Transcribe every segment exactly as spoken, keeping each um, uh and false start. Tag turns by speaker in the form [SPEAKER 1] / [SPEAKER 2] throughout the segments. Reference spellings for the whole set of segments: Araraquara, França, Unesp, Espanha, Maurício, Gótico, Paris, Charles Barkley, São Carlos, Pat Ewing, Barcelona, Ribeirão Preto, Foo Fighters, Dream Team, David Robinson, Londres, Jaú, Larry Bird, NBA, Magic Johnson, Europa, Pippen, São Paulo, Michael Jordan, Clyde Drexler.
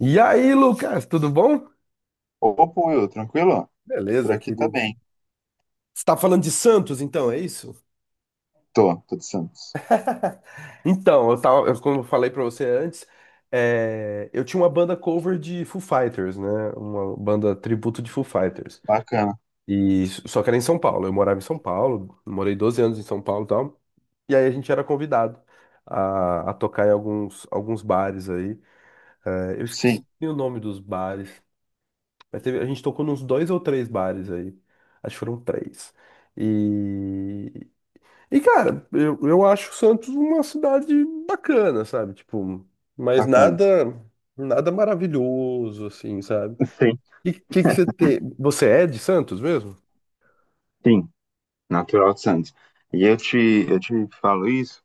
[SPEAKER 1] E aí, Lucas, tudo bom?
[SPEAKER 2] Opa, Will, tranquilo? Por
[SPEAKER 1] Beleza,
[SPEAKER 2] aqui tá
[SPEAKER 1] querido. Você
[SPEAKER 2] bem.
[SPEAKER 1] está falando de Santos, então, é isso?
[SPEAKER 2] Tô, tô de Santos.
[SPEAKER 1] Então, eu tava, eu- como eu falei pra você antes, é, eu tinha uma banda cover de Foo Fighters, né? Uma banda tributo de Foo Fighters.
[SPEAKER 2] Bacana.
[SPEAKER 1] E s- só que era em São Paulo. Eu morava em São Paulo, morei doze anos em São Paulo, e tal. E aí a gente era convidado a, a tocar em alguns alguns bares aí. É, eu esqueci
[SPEAKER 2] Sim,
[SPEAKER 1] o nome dos bares. Mas teve- a gente tocou nos dois ou três bares aí. Acho que foram três. E, e cara, eu, eu acho Santos uma cidade bacana, sabe? Tipo, mas
[SPEAKER 2] bacana.
[SPEAKER 1] nada nada maravilhoso, assim, sabe?
[SPEAKER 2] Sim,
[SPEAKER 1] E o que que você tem? Você é de Santos mesmo?
[SPEAKER 2] sim. Natural de Santos. E eu te, eu te falo isso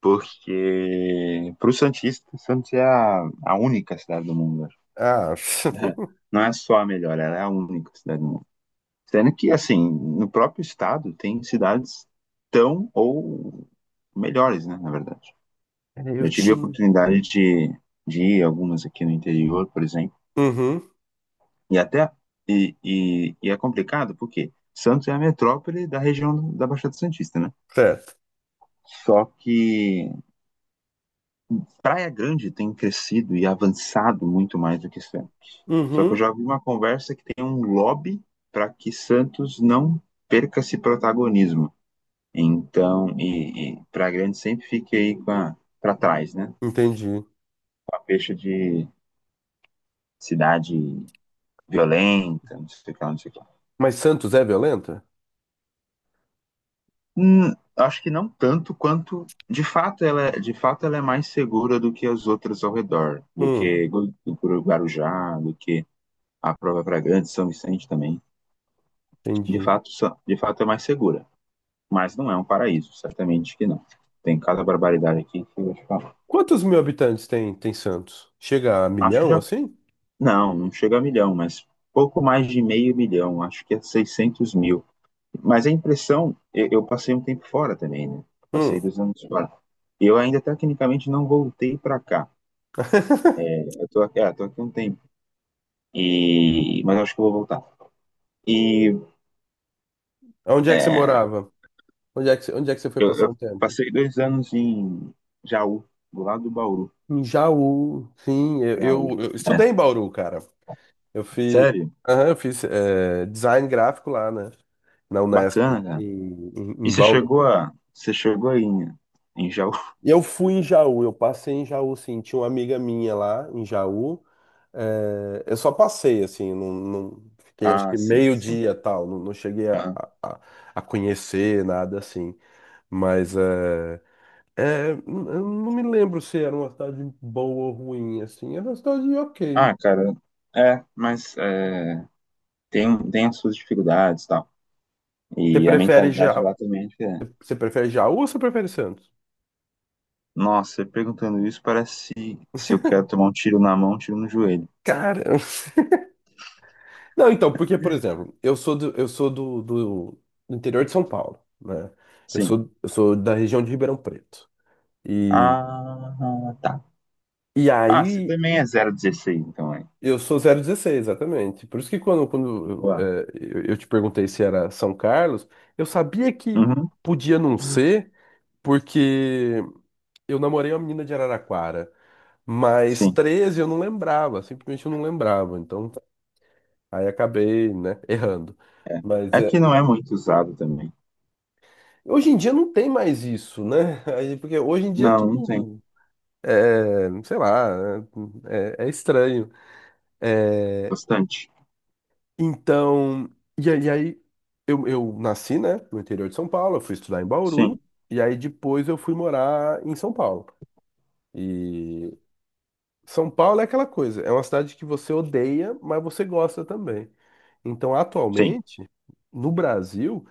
[SPEAKER 2] porque, pro Santista, Santos é a, a única cidade do mundo. Acho.
[SPEAKER 1] Ah,
[SPEAKER 2] Não é só a melhor, ela é a única cidade do mundo. Sendo que, assim, no próprio estado tem cidades tão ou melhores, né, na verdade.
[SPEAKER 1] eu
[SPEAKER 2] Eu tive a
[SPEAKER 1] tinha.
[SPEAKER 2] oportunidade de, de ir a algumas aqui no interior, por exemplo.
[SPEAKER 1] Uhum,
[SPEAKER 2] E até e, e, e é complicado porque Santos é a metrópole da região da Baixada Santista, né?
[SPEAKER 1] certo.
[SPEAKER 2] Só que Praia Grande tem crescido e avançado muito mais do que Santos. Só que eu
[SPEAKER 1] Uhum,
[SPEAKER 2] já vi uma conversa que tem um lobby para que Santos não perca esse protagonismo. Então, e, e Praia Grande sempre fica aí para trás, né?
[SPEAKER 1] entendi.
[SPEAKER 2] A peixe de cidade violenta, não sei o que lá, não sei o que lá.
[SPEAKER 1] Mas Santos é violenta?
[SPEAKER 2] Hum, acho que não tanto quanto de fato ela é, de fato ela é mais segura do que as outras ao redor, do
[SPEAKER 1] Hum,
[SPEAKER 2] que Gu- do Guarujá, do que a própria Fragante, São Vicente também. De
[SPEAKER 1] entendi.
[SPEAKER 2] fato, são- de fato é mais segura, mas não é um paraíso, certamente que não. Tem cada barbaridade aqui que eu vou te falar.
[SPEAKER 1] Quantos mil habitantes tem, tem Santos? Chega a
[SPEAKER 2] Acho que
[SPEAKER 1] milhão,
[SPEAKER 2] já
[SPEAKER 1] assim?
[SPEAKER 2] não, não chega a milhão, mas pouco mais de meio milhão, acho que é seiscentos mil. Mas a impressão, eu, eu passei um tempo fora também, né? Passei
[SPEAKER 1] Hum.
[SPEAKER 2] dois anos fora. Eu ainda tecnicamente não voltei para cá. Eu tô aqui, é, tô aqui um tempo. E... mas acho que eu vou voltar. E
[SPEAKER 1] Onde é que você
[SPEAKER 2] é,
[SPEAKER 1] morava? Onde é que, você- onde é que você foi
[SPEAKER 2] eu,
[SPEAKER 1] passar
[SPEAKER 2] eu
[SPEAKER 1] um tempo?
[SPEAKER 2] passei dois anos em Jaú, do lado do Bauru.
[SPEAKER 1] Em Jaú. Sim, eu,
[SPEAKER 2] Jaú.
[SPEAKER 1] eu- eu
[SPEAKER 2] É,
[SPEAKER 1] estudei em Bauru, cara. Eu fiz.
[SPEAKER 2] sério?
[SPEAKER 1] Aham. Eu fiz eh, design gráfico lá, né? Na Unesp,
[SPEAKER 2] Bacana, cara.
[SPEAKER 1] em, em,
[SPEAKER 2] E
[SPEAKER 1] em
[SPEAKER 2] você
[SPEAKER 1] Bauru.
[SPEAKER 2] chegou a. Você chegou aí em, em Jaú?
[SPEAKER 1] E eu fui em Jaú, eu passei em Jaú, sim. Tinha uma amiga minha lá em Jaú. Eh, eu só passei, assim, não, não fiquei acho
[SPEAKER 2] Ah,
[SPEAKER 1] que
[SPEAKER 2] sim,
[SPEAKER 1] meio
[SPEAKER 2] sim.
[SPEAKER 1] dia tal, não, não cheguei a,
[SPEAKER 2] Aham.
[SPEAKER 1] a, a a conhecer nada assim. Mas, eh, é, n- eu não me lembro se era uma cidade boa ou ruim, assim. Era uma cidade ok.
[SPEAKER 2] Ah, cara, é, mas é, tem, tem as suas dificuldades e tal.
[SPEAKER 1] Você
[SPEAKER 2] E a
[SPEAKER 1] prefere
[SPEAKER 2] mentalidade
[SPEAKER 1] já,
[SPEAKER 2] lá também é diferente.
[SPEAKER 1] você prefere Jaú ou você prefere Santos?
[SPEAKER 2] Nossa, você perguntando isso parece se, se eu quero tomar um tiro na mão, um tiro no joelho.
[SPEAKER 1] Cara, não, então, porque, por exemplo, eu sou do, eu sou do, do, do interior de São Paulo, né? Eu
[SPEAKER 2] Sim.
[SPEAKER 1] sou, eu sou da região de Ribeirão Preto. E,
[SPEAKER 2] Ah, tá.
[SPEAKER 1] e
[SPEAKER 2] Ah, você
[SPEAKER 1] aí,
[SPEAKER 2] também é zero dezesseis, então é.
[SPEAKER 1] eu sou zero dezesseis exatamente. Por isso que quando, quando
[SPEAKER 2] Boa.
[SPEAKER 1] eh, eu, eu te perguntei se era São Carlos, eu sabia que
[SPEAKER 2] Uhum,
[SPEAKER 1] podia não ser, porque eu namorei uma menina de Araraquara, mas
[SPEAKER 2] sim.
[SPEAKER 1] treze eu não lembrava, simplesmente eu não lembrava. Então, aí acabei, né, errando. Mas
[SPEAKER 2] É que
[SPEAKER 1] é,
[SPEAKER 2] não é muito usado também.
[SPEAKER 1] hoje em dia não tem mais isso, né? Aí, porque hoje em dia
[SPEAKER 2] Não, não tem.
[SPEAKER 1] tudo é, sei lá, é, é é estranho. É,
[SPEAKER 2] Bastante.
[SPEAKER 1] então, e aí, e aí eu, eu nasci, né, no interior de São Paulo, eu fui estudar em Bauru,
[SPEAKER 2] Sim,
[SPEAKER 1] e aí depois eu fui morar em São Paulo. E São Paulo é aquela coisa, é uma cidade que você odeia, mas você gosta também. Então,
[SPEAKER 2] sim.
[SPEAKER 1] atualmente, no Brasil,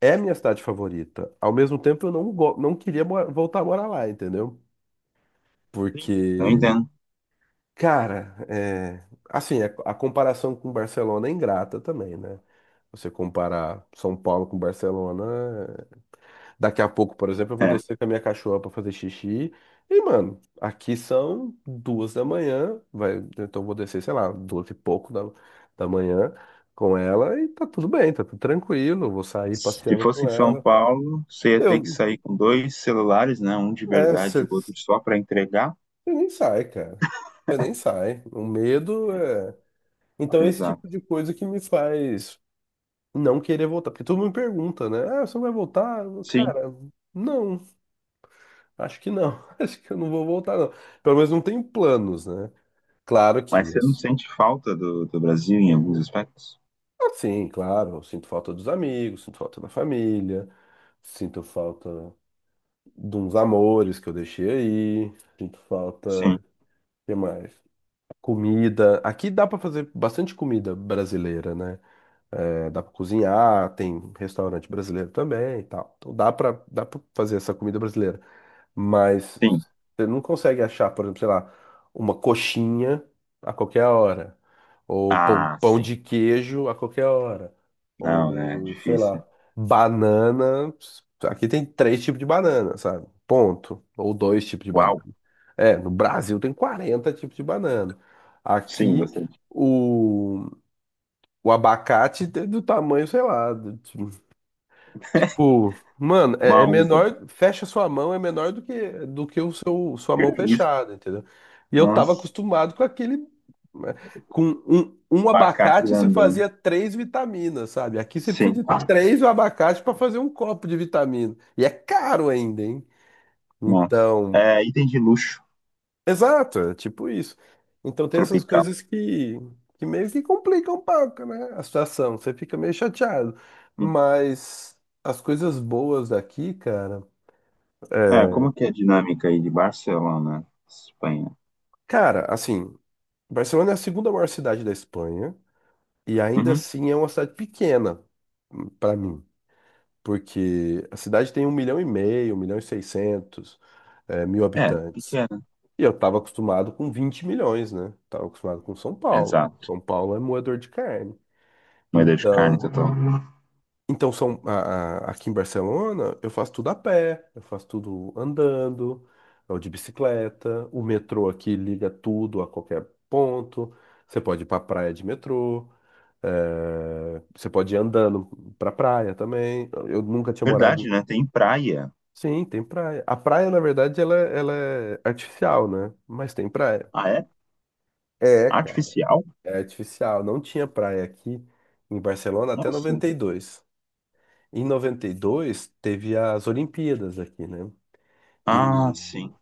[SPEAKER 1] é a minha cidade favorita. Ao mesmo tempo, eu não, go- não queria mo- voltar a morar lá, entendeu?
[SPEAKER 2] Sim. Eu
[SPEAKER 1] Porque,
[SPEAKER 2] entendo.
[SPEAKER 1] cara, é, assim, a, a comparação com Barcelona é ingrata também, né? Você comparar São Paulo com Barcelona. Daqui a pouco, por exemplo, eu vou
[SPEAKER 2] É.
[SPEAKER 1] descer com a minha cachorra pra fazer xixi. E, mano, aqui são duas da manhã. Vai, então eu vou descer, sei lá, duas e pouco da, da manhã com ela e tá tudo bem, tá tudo tranquilo. Eu vou sair
[SPEAKER 2] Se
[SPEAKER 1] passeando com
[SPEAKER 2] fosse em
[SPEAKER 1] ela.
[SPEAKER 2] São
[SPEAKER 1] Tá.
[SPEAKER 2] Paulo, você ia ter que
[SPEAKER 1] Eu,
[SPEAKER 2] sair com dois celulares, né? Um de
[SPEAKER 1] é,
[SPEAKER 2] verdade e
[SPEAKER 1] você
[SPEAKER 2] o outro só para entregar.
[SPEAKER 1] nem sai, cara. Você nem sai. O medo é. Então, esse
[SPEAKER 2] Exato.
[SPEAKER 1] tipo de coisa que me faz não querer voltar. Porque todo mundo me pergunta, né? Ah, você não vai voltar?
[SPEAKER 2] Sim.
[SPEAKER 1] Cara, não. Acho que não. Acho que eu não vou voltar, não. Pelo menos não tenho planos, né? Claro que
[SPEAKER 2] Mas você não
[SPEAKER 1] isso.
[SPEAKER 2] sente falta do, do Brasil em alguns aspectos?
[SPEAKER 1] Ah, sim, claro. Eu sinto falta dos amigos, sinto falta da família, sinto falta de uns amores que eu deixei aí, sinto falta.
[SPEAKER 2] Sim,
[SPEAKER 1] O que mais? Comida. Aqui dá pra fazer bastante comida brasileira, né? É, dá pra cozinhar, tem restaurante brasileiro também e tal. Então dá pra dá para fazer essa comida brasileira. Mas
[SPEAKER 2] sim.
[SPEAKER 1] você não consegue achar, por exemplo, sei lá, uma coxinha a qualquer hora, ou pão,
[SPEAKER 2] Ah,
[SPEAKER 1] pão
[SPEAKER 2] sim.
[SPEAKER 1] de queijo a qualquer hora,
[SPEAKER 2] Não, né? É
[SPEAKER 1] ou sei
[SPEAKER 2] difícil.
[SPEAKER 1] lá, banana. Aqui tem três tipos de banana, sabe? Ponto. Ou dois tipos de banana.
[SPEAKER 2] Uau.
[SPEAKER 1] É, no Brasil tem quarenta tipos de banana.
[SPEAKER 2] Sim,
[SPEAKER 1] Aqui
[SPEAKER 2] bastante.
[SPEAKER 1] o, o abacate é do tamanho, sei lá, tipo, mano, é, é
[SPEAKER 2] Uma uva.
[SPEAKER 1] menor, fecha sua mão é menor do que do que o seu sua
[SPEAKER 2] Que
[SPEAKER 1] mão
[SPEAKER 2] isso?
[SPEAKER 1] fechada, entendeu? E eu tava
[SPEAKER 2] Nossa.
[SPEAKER 1] acostumado com aquele né, com um, um
[SPEAKER 2] Abacate
[SPEAKER 1] abacate você
[SPEAKER 2] grandão.
[SPEAKER 1] fazia três vitaminas, sabe? Aqui você
[SPEAKER 2] Sim.
[SPEAKER 1] precisa de três abacates pra fazer um copo de vitamina. E é caro ainda, hein?
[SPEAKER 2] Nossa.
[SPEAKER 1] Então,
[SPEAKER 2] É, item de luxo
[SPEAKER 1] exato, é tipo isso. Então tem essas
[SPEAKER 2] tropical.
[SPEAKER 1] coisas que, que meio que complicam um pouco, né? A situação, você fica meio chateado.
[SPEAKER 2] Sim.
[SPEAKER 1] Mas as coisas boas daqui, cara.
[SPEAKER 2] É,
[SPEAKER 1] É,
[SPEAKER 2] como que é a dinâmica aí de Barcelona, Espanha?
[SPEAKER 1] cara, assim, Barcelona é a segunda maior cidade da Espanha e ainda
[SPEAKER 2] Uhum.
[SPEAKER 1] assim é uma cidade pequena hum, pra mim, porque a cidade tem um milhão e meio, um milhão e seiscentos eh, mil
[SPEAKER 2] É,
[SPEAKER 1] habitantes.
[SPEAKER 2] pequena.
[SPEAKER 1] E eu tava acostumado com vinte milhões, né? Tava acostumado com São Paulo.
[SPEAKER 2] Exato.
[SPEAKER 1] São Paulo é moedor de carne.
[SPEAKER 2] Moeda de carne
[SPEAKER 1] Então,
[SPEAKER 2] total.
[SPEAKER 1] então são a- a- aqui em Barcelona, eu faço tudo a pé, eu faço tudo andando, ou de bicicleta. O metrô aqui liga tudo a qualquer ponto. Você pode ir para praia de metrô, eh, você pode ir andando para praia também. Eu nunca tinha morado
[SPEAKER 2] Verdade,
[SPEAKER 1] em...
[SPEAKER 2] né? Tem praia.
[SPEAKER 1] Sim, tem praia. A praia, na verdade, ela, ela é artificial, né? Mas tem praia.
[SPEAKER 2] Ah, é?
[SPEAKER 1] É, cara,
[SPEAKER 2] Artificial?
[SPEAKER 1] é artificial. Não tinha praia aqui em Barcelona até
[SPEAKER 2] Nossa.
[SPEAKER 1] noventa e dois. Em noventa e dois teve as Olimpíadas aqui, né? E,
[SPEAKER 2] Ah, sim.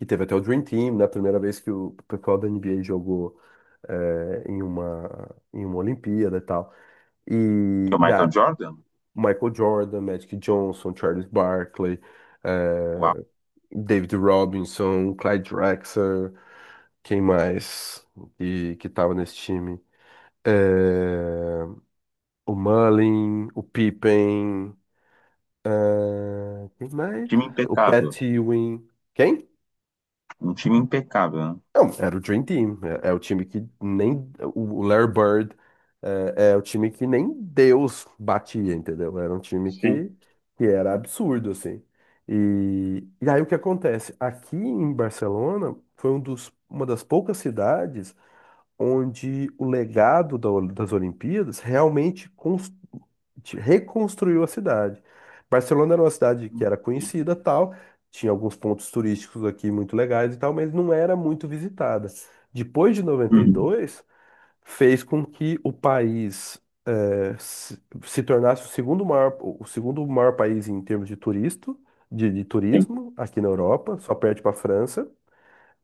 [SPEAKER 1] e teve até o Dream Team, né? A primeira vez que o pessoal da N B A jogou eh, em uma, em uma Olimpíada e tal.
[SPEAKER 2] Que
[SPEAKER 1] E,
[SPEAKER 2] é o
[SPEAKER 1] e
[SPEAKER 2] Michael
[SPEAKER 1] a
[SPEAKER 2] Jordan?
[SPEAKER 1] Michael Jordan, Magic Johnson, Charles Barkley,
[SPEAKER 2] Uau.
[SPEAKER 1] eh, David Robinson, Clyde Drexler, quem mais que, que tava nesse time? Eh, o Mullin, o Pippen. Ah, quem mais?
[SPEAKER 2] Time
[SPEAKER 1] O
[SPEAKER 2] impecável.
[SPEAKER 1] Pat Ewing. Quem?
[SPEAKER 2] Um time impecável, né?
[SPEAKER 1] Não, era o Dream Team. É, é o time que nem. O Larry Bird é, é o time que nem Deus batia, entendeu? Era um time
[SPEAKER 2] Sim.
[SPEAKER 1] que, que era absurdo, assim. E, e aí o que acontece? Aqui em Barcelona foi um dos, uma das poucas cidades onde o legado da Ol- das Olimpíadas realmente cons- te- reconstruiu a cidade. Barcelona era uma cidade que era
[SPEAKER 2] Sim.
[SPEAKER 1] conhecida, tal, tinha alguns pontos turísticos aqui muito legais e tal, mas não era muito visitada. Depois de noventa e
[SPEAKER 2] Uhum.
[SPEAKER 1] dois, fez com que o país eh, se, se tornasse o segundo maior, o segundo maior país em termos de turista, de, de
[SPEAKER 2] Sim.
[SPEAKER 1] turismo aqui na Europa, só perde para a França.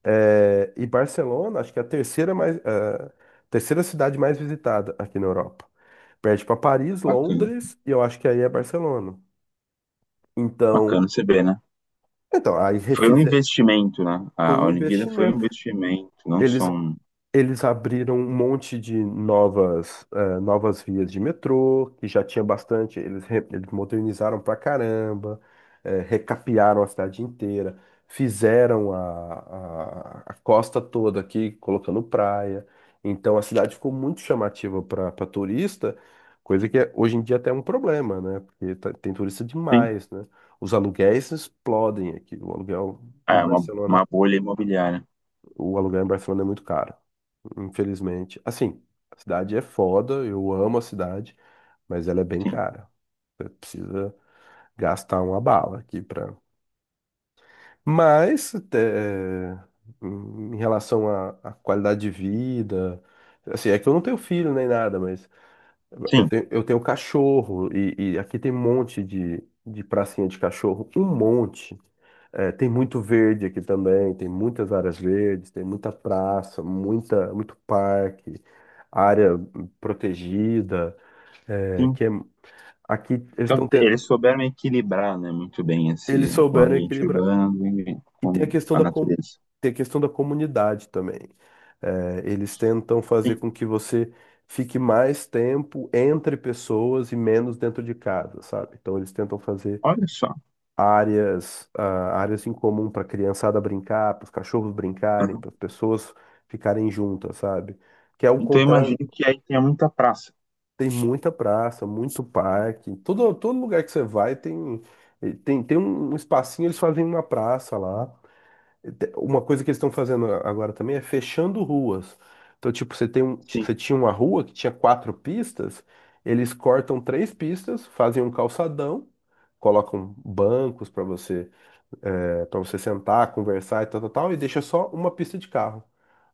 [SPEAKER 1] É, e Barcelona, acho que é a terceira mais, eh, terceira cidade mais visitada aqui na Europa. Perde para Paris,
[SPEAKER 2] Bacana.
[SPEAKER 1] Londres e eu acho que aí é Barcelona. Então,
[SPEAKER 2] Bacana você ver, né?
[SPEAKER 1] então aí
[SPEAKER 2] Foi um
[SPEAKER 1] refizer
[SPEAKER 2] investimento, né?
[SPEAKER 1] foi
[SPEAKER 2] A
[SPEAKER 1] um
[SPEAKER 2] Olimpíada foi um
[SPEAKER 1] investimento.
[SPEAKER 2] investimento, não só
[SPEAKER 1] Eles
[SPEAKER 2] um.
[SPEAKER 1] Eles abriram um monte de novas, eh, novas vias de metrô, que já tinha bastante, eles, re- eles modernizaram pra caramba, eh, recapearam a cidade inteira, fizeram a, a, a costa toda aqui, colocando praia. Então a cidade ficou muito chamativa para turista, coisa que é- hoje em dia até é um problema, né? Porque tá- tem turista
[SPEAKER 2] Sim.
[SPEAKER 1] demais, né? Os aluguéis explodem aqui, o aluguel em
[SPEAKER 2] É uma,
[SPEAKER 1] Barcelona.
[SPEAKER 2] uma bolha imobiliária.
[SPEAKER 1] O aluguel em Barcelona é muito caro, infelizmente. Assim, a cidade é foda, eu amo a cidade, mas ela é bem
[SPEAKER 2] Sim,
[SPEAKER 1] cara. Você precisa gastar uma bala aqui pra. Mas, é, em relação à à qualidade de vida, assim, é que eu não tenho filho nem nada, mas eu
[SPEAKER 2] sim,
[SPEAKER 1] tenho, eu tenho cachorro e, e aqui tem um monte de, de pracinha de cachorro, um monte. É, tem muito verde aqui também, tem muitas áreas verdes, tem muita praça, muita, muito parque, área protegida. É,
[SPEAKER 2] sim.
[SPEAKER 1] que é- aqui eles
[SPEAKER 2] Então,
[SPEAKER 1] estão
[SPEAKER 2] te-
[SPEAKER 1] tendo,
[SPEAKER 2] eles souberam equilibrar, né, muito bem
[SPEAKER 1] eles
[SPEAKER 2] esse o
[SPEAKER 1] souberam
[SPEAKER 2] ambiente
[SPEAKER 1] equilibrar.
[SPEAKER 2] urbano e
[SPEAKER 1] E tem a
[SPEAKER 2] com
[SPEAKER 1] questão
[SPEAKER 2] a
[SPEAKER 1] da, com...
[SPEAKER 2] natureza.
[SPEAKER 1] tem a questão da comunidade também. Eh, eles tentam fazer
[SPEAKER 2] Sim,
[SPEAKER 1] com que você fique mais tempo entre pessoas e menos dentro de casa, sabe? Então eles tentam fazer
[SPEAKER 2] olha só.
[SPEAKER 1] áreas, ah, áreas em comum para a criançada brincar, para os cachorros brincarem,
[SPEAKER 2] Uhum.
[SPEAKER 1] para as pessoas ficarem juntas, sabe? Que é o
[SPEAKER 2] Então, eu
[SPEAKER 1] contrário,
[SPEAKER 2] imagino que aí tenha muita praça.
[SPEAKER 1] tem muita praça, muito parque, todo, todo lugar que você vai tem, tem, tem um espacinho, eles fazem uma praça lá. te- Uma coisa que eles estão fazendo agora também é fechando ruas. Então, tipo, você tem um,
[SPEAKER 2] Sim,
[SPEAKER 1] você tinha uma rua que tinha quatro pistas, eles cortam três pistas, fazem um calçadão, colocam bancos para você, para você sentar, conversar e tal, tal, tal, e deixa só uma pista de carro.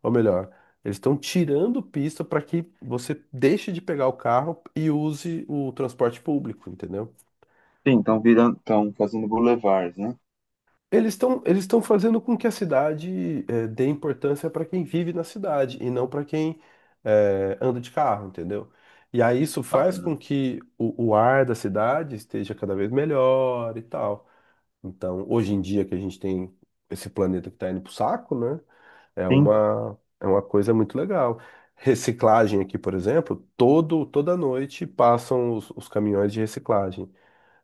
[SPEAKER 1] Ou melhor, eles estão tirando pista para que você deixe de pegar o carro e use o transporte público, entendeu?
[SPEAKER 2] sim, estão virando, estão fazendo boulevards, né?
[SPEAKER 1] Eles estão eles estão fazendo com que a cidade eh, dê importância para quem vive na cidade e não para quem eh, anda de carro, entendeu? E aí isso faz
[SPEAKER 2] Bacana.
[SPEAKER 1] com que o, o ar da cidade esteja cada vez melhor e tal. Então, hoje em dia que a gente tem esse planeta que está indo pro saco, né? É
[SPEAKER 2] Sim,
[SPEAKER 1] uma, é uma coisa muito legal. Reciclagem aqui, por exemplo, todo, toda noite passam os os caminhões de reciclagem.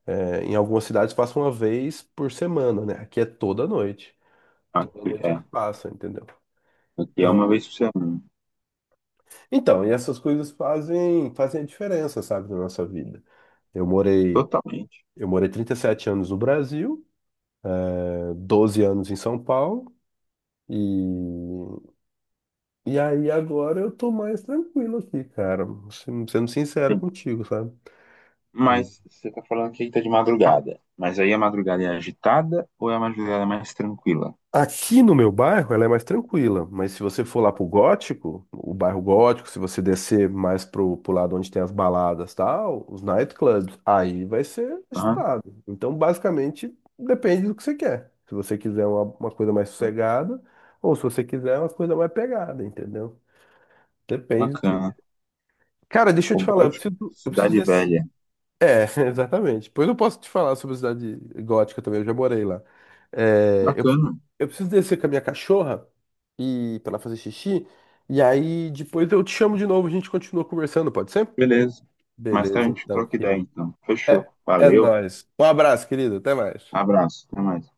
[SPEAKER 1] É, em algumas cidades passa uma vez por semana, né? Aqui é toda noite. Toda
[SPEAKER 2] aqui
[SPEAKER 1] noite eles
[SPEAKER 2] é,
[SPEAKER 1] passam, entendeu?
[SPEAKER 2] aqui é uma
[SPEAKER 1] Então,
[SPEAKER 2] vez por semana.
[SPEAKER 1] então, e essas coisas fazem, fazem a diferença, sabe, na nossa vida. Eu morei,
[SPEAKER 2] Totalmente.
[SPEAKER 1] eu morei trinta e sete anos no Brasil, eh, doze anos em São Paulo, e, e aí agora eu tô mais tranquilo aqui, cara. Sendo sendo sincero
[SPEAKER 2] Sim.
[SPEAKER 1] contigo, sabe?
[SPEAKER 2] Mas você está falando que aí está de madrugada. Mas aí a madrugada é agitada ou é a madrugada mais tranquila?
[SPEAKER 1] Aqui no meu bairro ela é mais tranquila, mas se você for lá pro Gótico, o bairro Gótico, se você descer mais pro, pro lado onde tem as baladas, e tal, os nightclubs, aí vai ser
[SPEAKER 2] Aham,
[SPEAKER 1] agitado. Então, basicamente, depende do que você quer. Se você quiser uma, uma coisa mais sossegada, ou se você quiser uma coisa mais pegada, entendeu? Depende do que você...
[SPEAKER 2] bacana.
[SPEAKER 1] Cara, deixa eu
[SPEAKER 2] O
[SPEAKER 1] te falar, eu
[SPEAKER 2] Gótico,
[SPEAKER 1] preciso, eu preciso
[SPEAKER 2] Cidade
[SPEAKER 1] desse.
[SPEAKER 2] Velha.
[SPEAKER 1] É, exatamente. Pois eu posso te falar sobre a cidade gótica também, eu já morei lá. É, eu,
[SPEAKER 2] Bacana,
[SPEAKER 1] eu preciso descer com a minha cachorra e para ela fazer xixi. E aí depois eu te chamo de novo, a gente continua conversando, pode ser?
[SPEAKER 2] beleza. Mais tarde a
[SPEAKER 1] Beleza,
[SPEAKER 2] gente
[SPEAKER 1] então,
[SPEAKER 2] troca ideia,
[SPEAKER 1] querido.
[SPEAKER 2] então.
[SPEAKER 1] É,
[SPEAKER 2] Fechou.
[SPEAKER 1] é
[SPEAKER 2] Valeu,
[SPEAKER 1] nóis. Um abraço, querido. Até mais.
[SPEAKER 2] abraço, até mais.